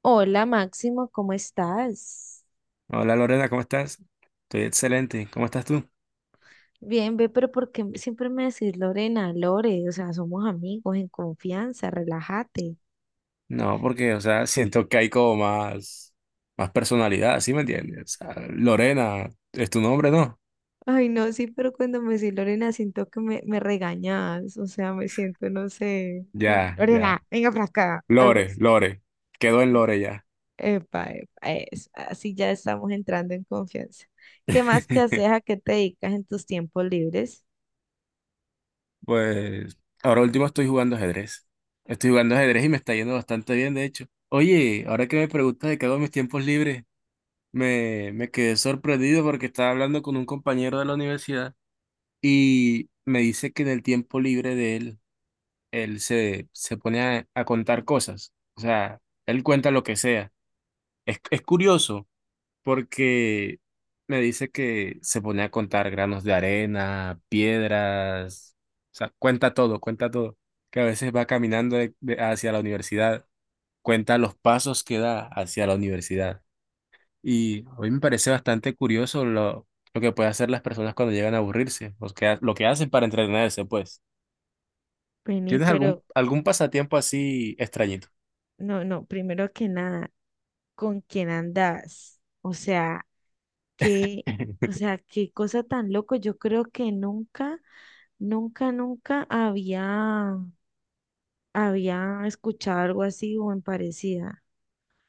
Hola Máximo, ¿cómo estás? Hola Lorena, ¿cómo estás? Estoy excelente. ¿Cómo estás tú? Bien, ve, pero ¿por qué siempre me decís Lorena, Lore? O sea, somos amigos en confianza, relájate. No, porque, o sea, siento que hay como más personalidad, ¿sí me entiendes? O sea, Lorena, ¿es tu nombre, no? Ay, no, sí, pero cuando me decís Lorena siento que me regañas, o sea, me siento, no sé, como que, Ya, ya. Lorena, venga para acá, algo Lore, así. Lore. Quedó en Ep- Lore ya. Epa, epa, eso, así ya estamos entrando en confianza. ¿Qué más que haces? ¿A qué te dedicas en tus tiempos libres? Pues, ahora último estoy jugando ajedrez. Estoy jugando ajedrez y me está yendo bastante bien, de hecho. Oye, ahora que me preguntas de qué hago en mis tiempos libres, me quedé sorprendido porque estaba hablando con un compañero de la universidad y me dice que en el tiempo libre de él él se pone a contar cosas. O sea, él cuenta lo que sea. Es curioso porque me dice que se pone a contar granos de arena, piedras, o sea, cuenta todo, cuenta todo. Que a veces va caminando hacia la universidad, cuenta los pasos que da hacia la universidad. Y a mí me parece bastante curioso lo que pueden hacer las personas cuando llegan a aburrirse, lo que ha- lo que hacen para entretenerse, pues. Vení, ¿Tienes pero algún pasatiempo así extrañito? no, no, primero que nada, ¿con quién andas? O sea, Qué, o sea, qué cosa tan loco. Yo creo que nunca, nunca, nunca había escuchado algo así o en parecida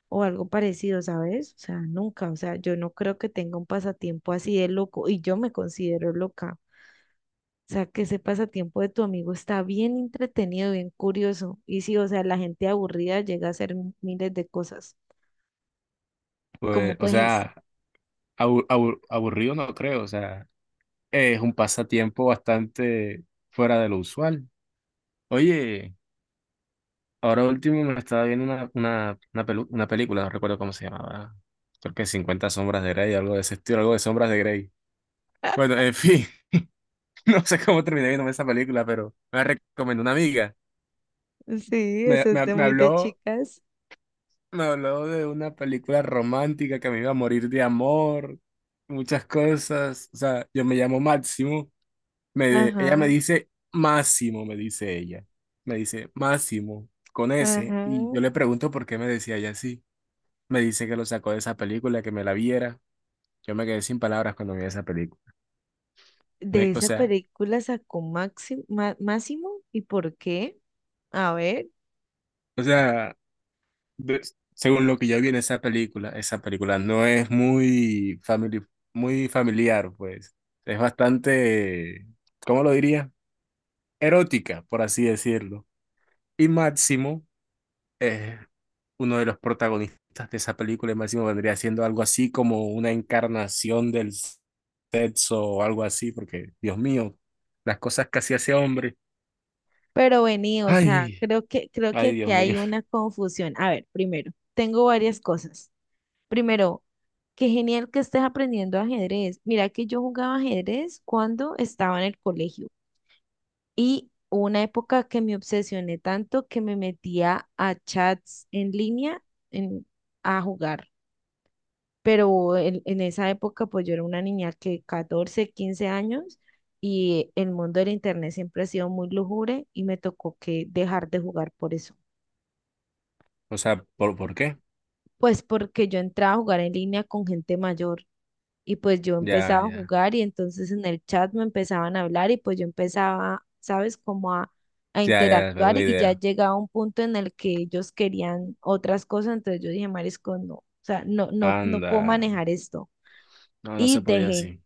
o algo parecido, ¿sabes? O sea, nunca. O sea, yo no creo que tenga un pasatiempo así de loco y yo me considero loca. O sea, que ese pasatiempo de tu amigo está bien entretenido, bien curioso. Y sí, o sea, la gente aburrida llega a hacer miles de cosas. ¿Cómo Pues, o pues? sea, aburrido no creo, o sea, es un pasatiempo bastante fuera de lo usual. Oye, ahora último me estaba viendo una película, no recuerdo cómo se llamaba, creo que 50 sombras de Grey, algo de ese estilo, algo de sombras de Grey. Bueno, en fin, no sé cómo terminé viéndome esa película, pero me la recomendó una amiga. Sí, Me, eso es me, de me muy de habló, chicas. me habló de una película romántica que me iba a morir de amor, muchas cosas, o sea, yo me llamo Máximo. Me, ella me Ajá, dice Máximo, me dice ella. Me dice Máximo con ese. Y ajá. yo le pregunto por qué me decía ella así. Me dice que lo sacó de esa película, que me la viera. Yo me quedé sin palabras cuando vi esa película. Me- De esa película sacó Máximo, Máximo, ¿y por qué? A ver, o sea, de- según lo que yo vi en esa película no es muy familiar, pues. Es bastante, ¿cómo lo diría? Erótica, por así decirlo. Y Máximo eh, uno de los protagonistas de esa película, el máximo, vendría siendo algo así como una encarnación del sexo o algo así, porque, Dios mío, las cosas que hacía ese hombre. pero vení, o sea, Ay, creo que ay, aquí Dios mío. hay una confusión. A ver, primero, tengo varias cosas. Primero, qué genial que estés aprendiendo ajedrez. Mira que yo jugaba ajedrez cuando estaba en el colegio y hubo una época que me obsesioné tanto que me metía a chats en línea en- a jugar. Pero en esa época pues yo era una niña que 14 15 años, y el mundo del internet siempre ha sido muy lúgubre y me tocó que dejar de jugar por eso. O sea, por qué? Pues porque yo entraba a jugar en línea con gente mayor y pues yo Ya, empezaba a ya, jugar y entonces en el chat me empezaban a hablar y pues yo empezaba, ¿sabes? Como a ya, ya, me hago interactuar una y ya idea. llegaba un punto en el que ellos querían otras cosas, entonces yo dije, Marisco, no, o sea, no, no, no puedo Anda. manejar esto No, no se y podía dejé. así.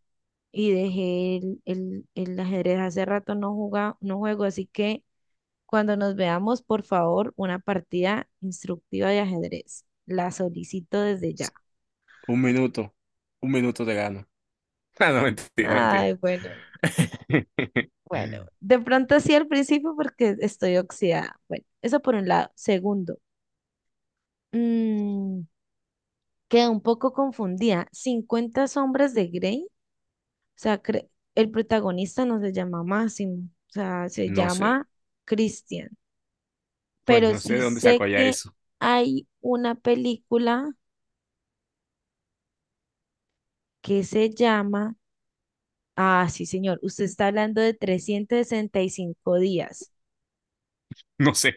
Y dejé el ajedrez. Hace rato no juego, así que cuando nos veamos, por favor, una partida instructiva de ajedrez. La solicito desde ya. Un minuto, un minuto te gano. Ah, no, mentira, mentira. Ay, bueno, bueno. Bueno, de pronto sí al principio porque estoy oxidada. Bueno, eso por un lado. Segundo, mm, quedé un poco confundida. 50 sombras de Grey. O sea, el protagonista no se llama Máximo, o sea, se No sé, llama Christian. pues Pero no sé de sí dónde sé sacó ya que eso. hay una película que se llama, ah, sí, señor, usted está hablando de 365 días. No sé,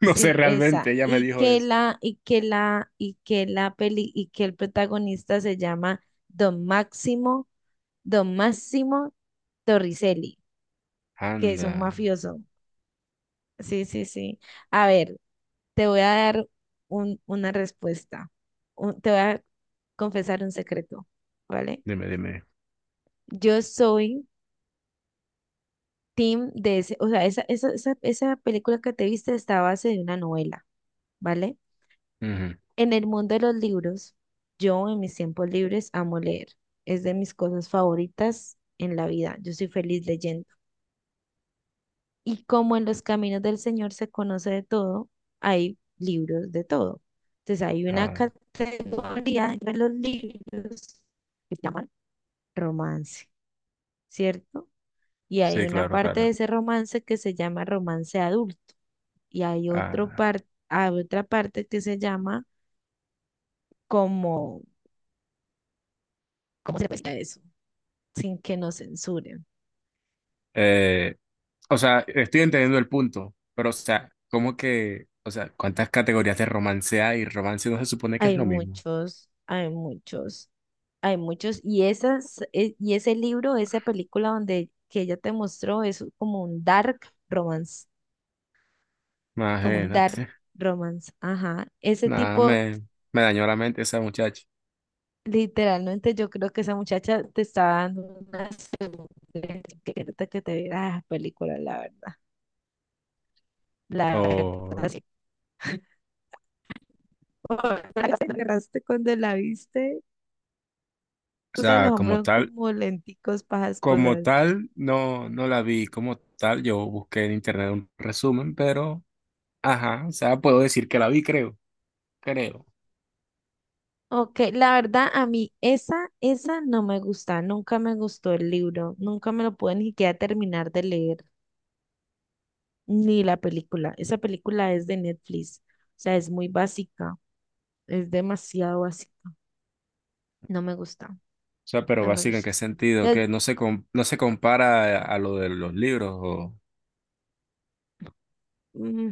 no sé Sí, esa. realmente, ella me Y dijo que eso. la, y que la, y que la peli, y que el protagonista se llama Don Máximo, Don Máximo Torricelli, que es un Anda, mafioso. Sí, sí, sí. A ver, te voy a dar una respuesta. Te voy a confesar un secreto, ¿vale? dime, dime. Yo soy team de ese, o sea, esa película que te viste está a base de una novela, ¿vale? Ujú. En el mundo de los libros, yo en mis tiempos libres amo leer. Es de mis cosas favoritas en la vida. Yo soy feliz leyendo. Y como en los caminos del Señor se conoce de todo, hay libros de todo. Entonces hay una Ah, categoría de los libros que se llaman romance, ¿cierto? Y hay sí, una claro, parte de claro. ese romance que se llama romance adulto y Ah, hay otra parte que se llama como, ¿cómo se puede eso? Sin que nos censuren. eh, o sea, estoy entendiendo el punto, pero o sea, ¿cómo o sea, cuántas categorías de romance hay? Romance no se supone que es Hay lo mismo. muchos, hay muchos, hay muchos. Y ese libro, esa película donde que ella te mostró es como un dark romance, como un dark Imagínate. romance. Ajá. Ese Nada, tipo, me dañó la mente esa muchacha. literalmente yo creo que esa muchacha te estaba dando una segunda etiqueta que te viera la película, la verdad. O, La o verdad te agarraste cuando la viste. Ustedes sea, los como hombres son tal, como lenticos para esas como cosas. tal, no, no la vi. Como tal, yo busqué en internet un resumen, pero, ajá, o sea, puedo decir que la vi, creo, creo. Ok, la verdad a mí esa no me gusta, nunca me gustó el libro, nunca me lo pude ni siquiera terminar de leer, ni la película. Esa película es de Netflix, o sea, es muy básica, es demasiado básica. No me gusta, O sea, pero no me básica, ¿en qué gusta. sentido? Que Entonces, no se, no se compara a lo de los libros, o... mm,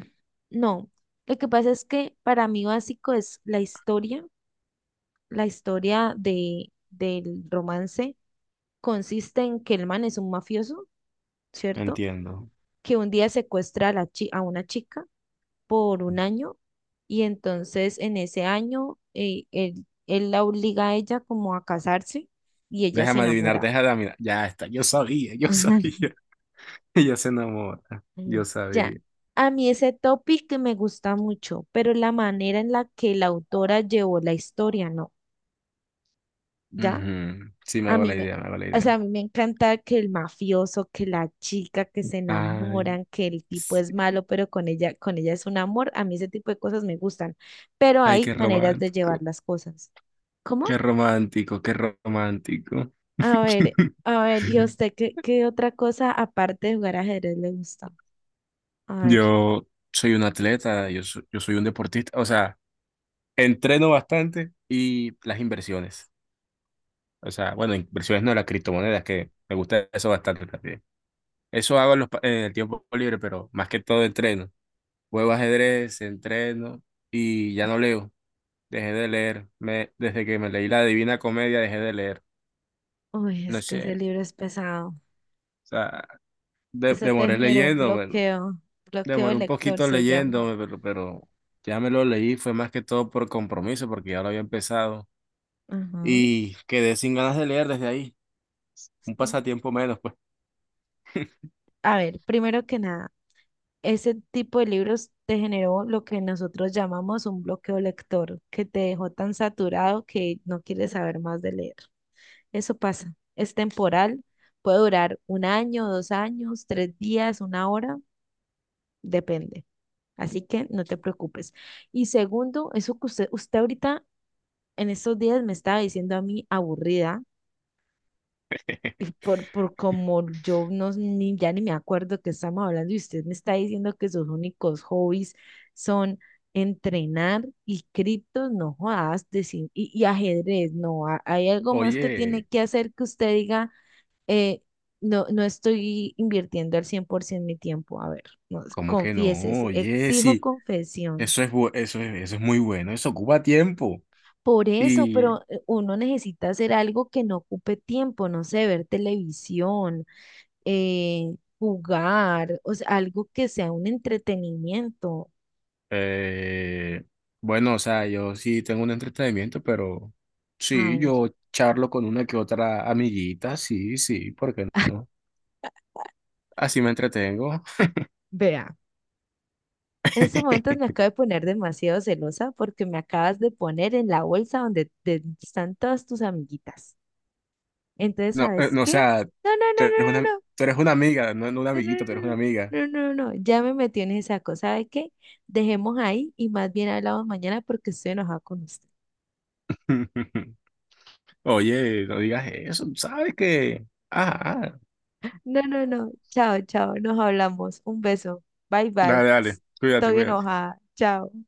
no, lo que pasa es que para mí básico es la historia, del romance consiste en que el man es un mafioso, ¿cierto? Entiendo. Que un día secuestra a una chica por un año y entonces en ese año él la obliga a ella como a casarse y ella se Déjame adivinar, enamora. déjame adivinar. Ya está, yo sabía, yo sabía. Ella se enamora, yo Ya, sabía. a mí ese topic me gusta mucho, pero la manera en la que la autora llevó la historia, ¿no? ¿Ya? Ujú, sí, me A hago mí la me, idea, me hago la o sea, idea. a mí me encanta que el mafioso, que la chica que se Ay, enamoran, que el tipo sí. es malo, pero con ella es un amor. A mí ese tipo de cosas me gustan, pero Ay, qué hay maneras de llevar romántico, las cosas. ¿Cómo? qué romántico, qué romántico. A ver, a ver, ¿y a usted qué otra cosa aparte de jugar ajedrez le gusta? A ver, Yo soy un atleta, yo soy un deportista, o sea, entreno bastante y las inversiones. O sea, bueno, inversiones no, las criptomonedas, que me gusta eso bastante también. Eso hago en el tiempo libre, pero más que todo entreno. Juego ajedrez, entreno y ya no leo. Dejé de leer. Me, desde que me leí La Divina Comedia, dejé de leer. uy, No es que sé, ese libro es pesado. o sea, Eso te demoré generó un leyéndomelo. bloqueo, bloqueo de Demoré un lector poquito se llama. leyéndome, pero ya me lo leí. Fue más que todo por compromiso, porque ya lo había empezado. Ajá. Y quedé sin ganas de leer desde ahí. Un Sí. pasatiempo menos, pues. A ver, primero que nada. Ese tipo de libros te generó lo que nosotros llamamos un bloqueo lector, que te dejó tan saturado que no quieres saber más de leer. Eso pasa, es temporal, puede durar un año, 2 años, 3 días, una hora, depende. Así que no te preocupes. Y segundo, eso que usted ahorita en estos días me estaba diciendo a mí aburrida. Y por como yo no, ni, ya ni me acuerdo que estamos hablando y usted me está diciendo que sus únicos hobbies son entrenar y criptos, no jodas, decir, y ajedrez, no, hay algo más que tiene Oye. que hacer que usted diga, eh, no, no estoy invirtiendo al 100% mi tiempo, a ver, no, ¿Cómo que no? confiésese, Oye, exijo sí, confesión. Eso es muy bueno, eso ocupa tiempo. Por eso, Y pero uno necesita hacer algo que no ocupe tiempo, no sé, ver televisión, jugar, o sea, algo que sea un entretenimiento. eh, bueno, o sea, yo sí tengo un entretenimiento, pero A sí, ver, yo charlo con una que otra amiguita, sí, sí, ¿por qué no? Así me entretengo. vea. En estos momentos me acabo de poner demasiado celosa porque me acabas de poner en la bolsa donde están todas tus amiguitas. Entonces, No, ¿sabes no, o qué? sea, No, no, tú eres una, no, no, tú eres una amiga, no, no una no, no, amiguita, tú eres una no, amiga. no, no, no, no, no, no, ya me metí en esa cosa. ¿Sabe qué? Dejemos ahí y más bien hablamos mañana porque estoy enojada con usted. Oye, no digas eso, sabes que... Ah, ah. No, no, no, chao, chao, nos hablamos. Un beso, bye, bye. Dale, dale, cuídate, Estoy cuídate. enojada, chao.